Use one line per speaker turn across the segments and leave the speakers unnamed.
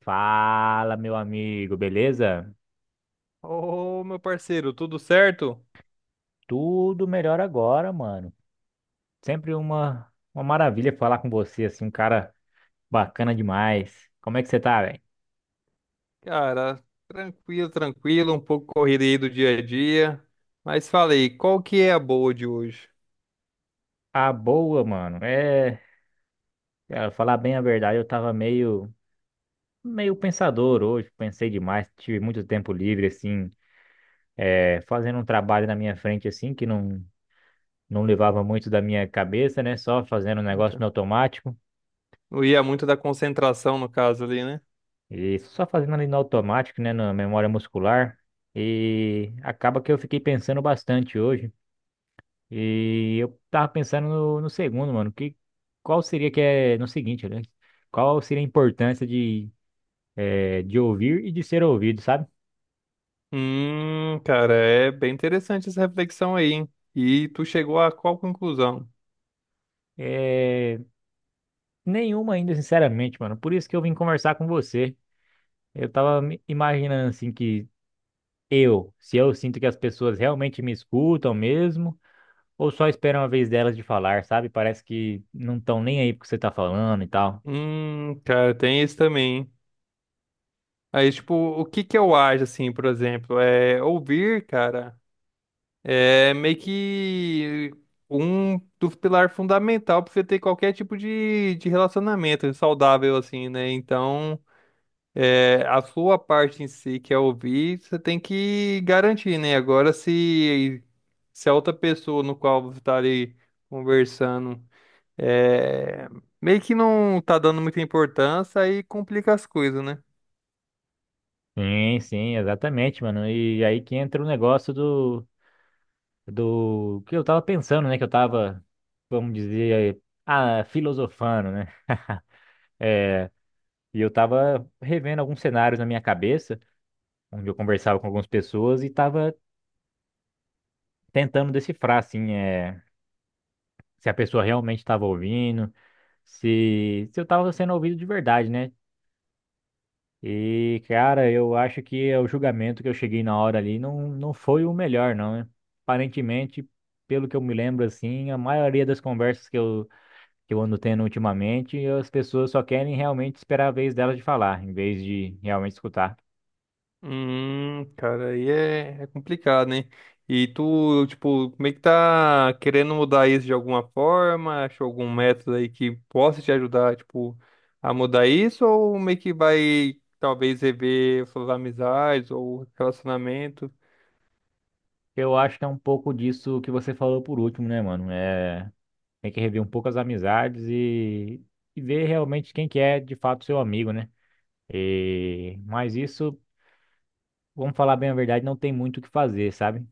Fala, meu amigo, beleza?
Ô, meu parceiro, tudo certo?
Tudo melhor agora, mano. Sempre uma maravilha falar com você, assim, um cara bacana demais. Como é que você tá, velho?
Cara, tranquilo, tranquilo, um pouco corrido aí do dia a dia. Mas falei, qual que é a boa de hoje?
Ah, boa, mano. Cara, falar bem a verdade, eu tava meio pensador hoje, pensei demais, tive muito tempo livre, assim, fazendo um trabalho na minha frente, assim, que não levava muito da minha cabeça, né? Só fazendo um negócio
Então,
no automático.
não ia muito da concentração, no caso ali, né?
E só fazendo ali no automático, né, na memória muscular. E acaba que eu fiquei pensando bastante hoje. E eu tava pensando no segundo, mano. Que, qual seria que é no seguinte, né? Qual seria a importância de, de ouvir e de ser ouvido, sabe?
Cara, é bem interessante essa reflexão aí, hein? E tu chegou a qual conclusão?
É, nenhuma ainda, sinceramente, mano. Por isso que eu vim conversar com você. Eu tava me imaginando assim que eu, se eu sinto que as pessoas realmente me escutam mesmo. Ou só esperam uma vez delas de falar, sabe? Parece que não estão nem aí porque você tá falando e tal.
Cara, tem isso também. Hein? Aí, tipo, o que que eu acho, assim, por exemplo, é ouvir, cara. É meio que um dos pilares fundamental para você ter qualquer tipo de, relacionamento saudável, assim, né? Então, é, a sua parte em si, que é ouvir, você tem que garantir, né? Agora, se a outra pessoa no qual você está ali conversando é, meio que não tá dando muita importância, aí complica as coisas, né?
Sim, sim, exatamente, mano. E aí que entra o negócio do, do que eu tava pensando, né? Que eu tava, vamos dizer, ah, filosofando, né? É, e eu tava revendo alguns cenários na minha cabeça, onde eu conversava com algumas pessoas e tava tentando decifrar, assim, é, se a pessoa realmente tava ouvindo, se eu tava sendo ouvido de verdade, né? E, cara, eu acho que é o julgamento que eu cheguei na hora ali não foi o melhor, não, né? Aparentemente, pelo que eu me lembro, assim, a maioria das conversas que eu ando tendo ultimamente, as pessoas só querem realmente esperar a vez delas de falar, em vez de realmente escutar.
Cara, aí é, é complicado, hein? E tu, tipo, como é que tá querendo mudar isso de alguma forma? Achou algum método aí que possa te ajudar, tipo, a mudar isso? Ou meio que vai, talvez, rever suas amizades ou relacionamento?
Eu acho que é um pouco disso que você falou por último, né, mano? É, tem que rever um pouco as amizades e ver realmente quem que é de fato seu amigo, né? E, mas isso. Vamos falar bem a verdade, não tem muito o que fazer, sabe?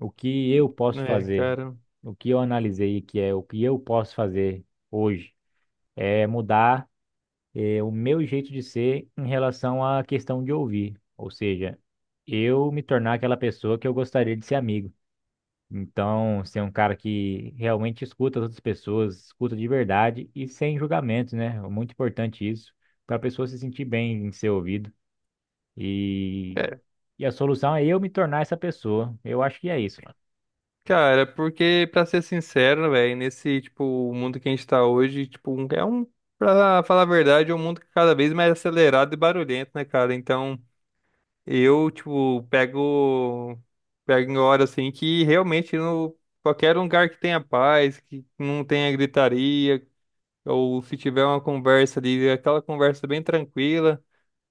O que eu posso
É,
fazer,
cara.
o que eu analisei que é o que eu posso fazer hoje, é mudar o meu jeito de ser em relação à questão de ouvir, ou seja, eu me tornar aquela pessoa que eu gostaria de ser amigo. Então, ser um cara que realmente escuta as outras pessoas, escuta de verdade e sem julgamento, né? É muito importante isso, para a pessoa se sentir bem em ser ouvido. E,
É,
e a solução é eu me tornar essa pessoa. Eu acho que é isso, mano.
cara, porque, pra ser sincero, velho, nesse, tipo, mundo que a gente tá hoje, tipo, é um, pra falar a verdade, é um mundo que é cada vez mais acelerado e barulhento, né, cara? Então. Eu, tipo, pego em hora assim que realmente no qualquer lugar que tenha paz, que não tenha gritaria, ou se tiver uma conversa ali, aquela conversa bem tranquila.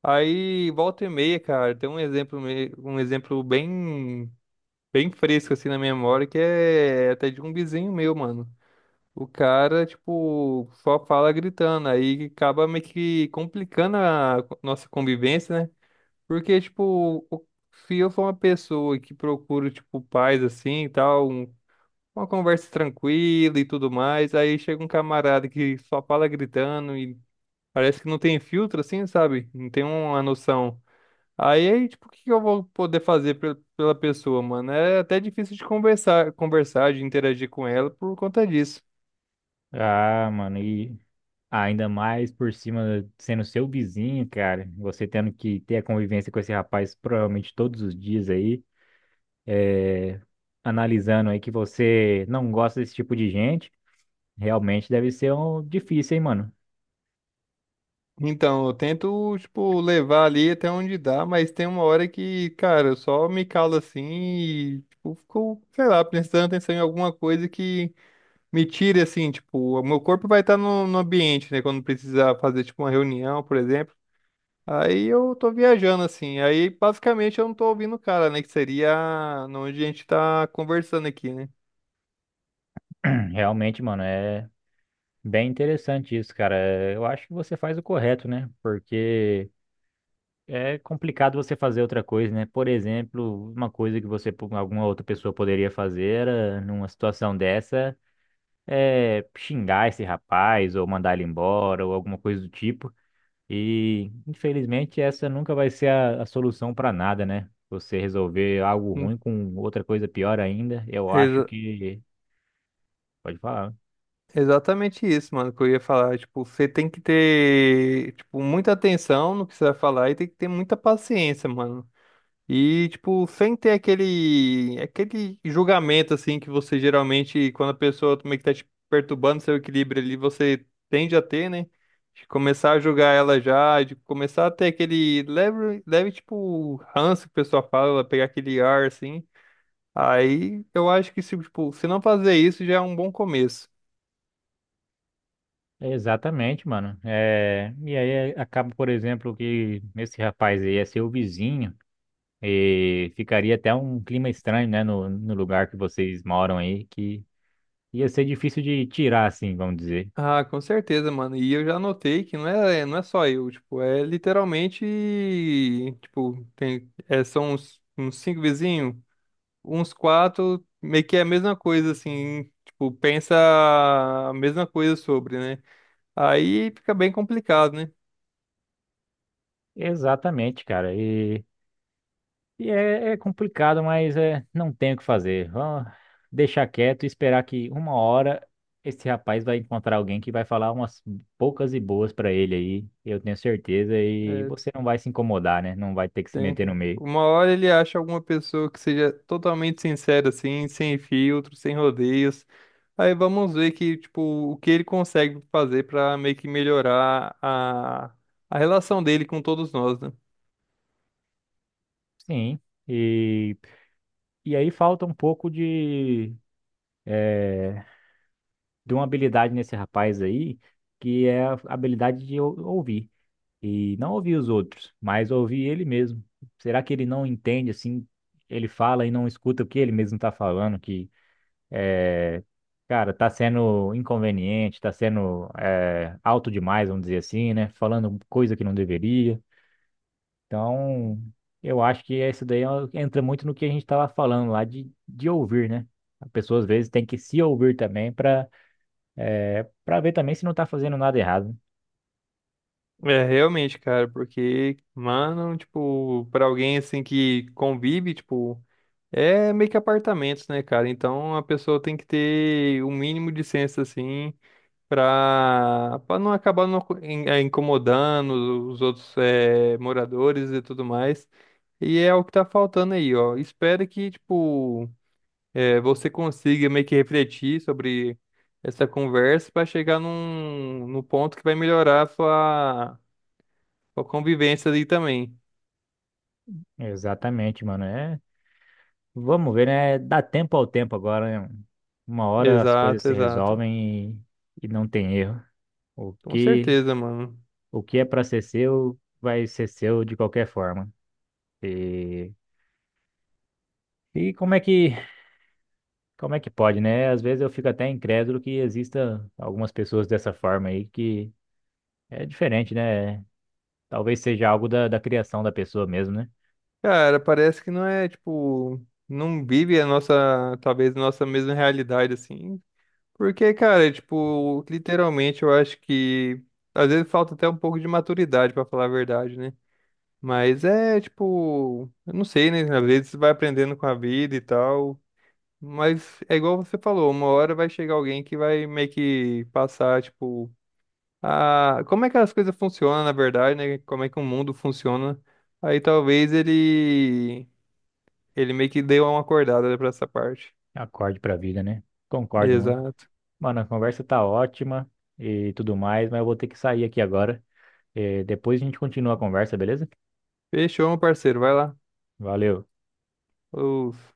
Aí volta e meia, cara, tem um exemplo, um exemplo bem, bem fresco assim na minha memória, que é até de um vizinho meu, mano. O cara, tipo, só fala gritando, aí acaba meio que complicando a nossa convivência, né? Porque, tipo, se eu for uma pessoa que procura, tipo, paz assim e tal, uma conversa tranquila e tudo mais, aí chega um camarada que só fala gritando e parece que não tem filtro, assim, sabe? Não tem uma noção. Aí, tipo, o que que eu vou poder fazer pela pessoa, mano? É até difícil de conversar, conversar, de interagir com ela por conta disso.
Ah, mano, e ainda mais por cima sendo seu vizinho, cara. Você tendo que ter a convivência com esse rapaz provavelmente todos os dias aí, analisando aí que você não gosta desse tipo de gente. Realmente deve ser um difícil, hein, mano.
Então, eu tento, tipo, levar ali até onde dá, mas tem uma hora que, cara, eu só me calo assim e, tipo, fico, sei lá, prestando atenção em alguma coisa que me tire, assim, tipo, o meu corpo vai estar no ambiente, né, quando precisar fazer, tipo, uma reunião, por exemplo. Aí eu tô viajando, assim, aí basicamente eu não tô ouvindo o cara, né, que seria onde a gente tá conversando aqui, né?
Realmente, mano, é bem interessante isso, cara. Eu acho que você faz o correto, né? Porque é complicado você fazer outra coisa, né? Por exemplo, uma coisa que você, alguma outra pessoa poderia fazer era, numa situação dessa é xingar esse rapaz ou mandar ele embora ou alguma coisa do tipo. E, infelizmente, essa nunca vai ser a solução para nada, né? Você resolver algo
Hum,
ruim com outra coisa pior ainda, eu acho
exa-
que. Pode falar.
Exatamente isso, mano, que eu ia falar. Tipo, você tem que ter, tipo, muita atenção no que você vai falar e tem que ter muita paciência, mano. E, tipo, sem ter aquele julgamento, assim, que você geralmente, quando a pessoa meio que tá te perturbando seu equilíbrio ali, você tende a ter, né? De começar a julgar ela já, de começar a ter aquele leve, leve, tipo, ranço que o pessoal fala, pegar aquele ar, assim. Aí eu acho que, se, tipo, se não fazer isso, já é um bom começo.
Exatamente, mano. É, e aí acaba, por exemplo, que esse rapaz aí é seu vizinho. E ficaria até um clima estranho, né, no lugar que vocês moram aí, que ia ser difícil de tirar, assim, vamos dizer.
Ah, com certeza, mano. E eu já notei que não é só eu, tipo, é literalmente, tipo, tem, é, são uns, uns cinco vizinhos, uns quatro, meio que é a mesma coisa, assim, tipo, pensa a mesma coisa sobre, né? Aí fica bem complicado, né?
Exatamente, cara. E é complicado, mas é, não tem o que fazer. Vamos deixar quieto e esperar que uma hora esse rapaz vai encontrar alguém que vai falar umas poucas e boas pra ele aí, eu tenho certeza, e
É,
você não vai se incomodar, né? Não vai ter que se
tem,
meter no meio.
uma hora ele acha alguma pessoa que seja totalmente sincera, assim, sem filtro, sem rodeios. Aí vamos ver que, tipo, o que ele consegue fazer pra meio que melhorar a relação dele com todos nós, né?
Sim. E, e aí falta um pouco de uma habilidade nesse rapaz aí, que é a habilidade de ouvir. E não ouvir os outros, mas ouvir ele mesmo. Será que ele não entende, assim, ele fala e não escuta o que ele mesmo tá falando, que é, cara, tá sendo inconveniente, tá sendo é, alto demais, vamos dizer assim, né? Falando coisa que não deveria. Então, eu acho que isso daí entra muito no que a gente tava falando lá de ouvir, né? A pessoa às vezes tem que se ouvir também para pra ver também se não tá fazendo nada errado.
É, realmente, cara, porque, mano, tipo, pra alguém assim que convive, tipo, é meio que apartamentos, né, cara? Então a pessoa tem que ter o mínimo de senso, assim, pra não acabar não incomodando os outros moradores e tudo mais. E é o que tá faltando aí, ó. Espero que, tipo. É, você consiga meio que refletir sobre essa conversa para chegar num, num ponto que vai melhorar a sua, sua convivência ali também.
Exatamente, mano. É, vamos ver, né? Dá tempo ao tempo agora, né? Uma hora as coisas
Exato,
se
exato.
resolvem e não tem erro. O
Com
que,
certeza, mano.
o que é pra ser seu, vai ser seu de qualquer forma. E, e como é que pode, né? Às vezes eu fico até incrédulo que exista algumas pessoas dessa forma aí que é diferente, né? Talvez seja algo da criação da pessoa mesmo, né?
Cara, parece que não é, tipo, não vive a nossa, talvez, a nossa mesma realidade, assim. Porque, cara, tipo, literalmente eu acho que às vezes falta até um pouco de maturidade, pra falar a verdade, né? Mas é, tipo, eu não sei, né? Às vezes você vai aprendendo com a vida e tal. Mas é igual você falou, uma hora vai chegar alguém que vai meio que passar, tipo, a... Como é que as coisas funcionam, na verdade, né? Como é que o mundo funciona. Aí talvez ele meio que deu uma acordada pra essa parte.
Acorde pra vida, né? Concordo, mano.
Exato.
Mano, a conversa tá ótima e tudo mais, mas eu vou ter que sair aqui agora. Depois a gente continua a conversa, beleza?
Fechou, meu parceiro. Vai lá.
Valeu.
Os-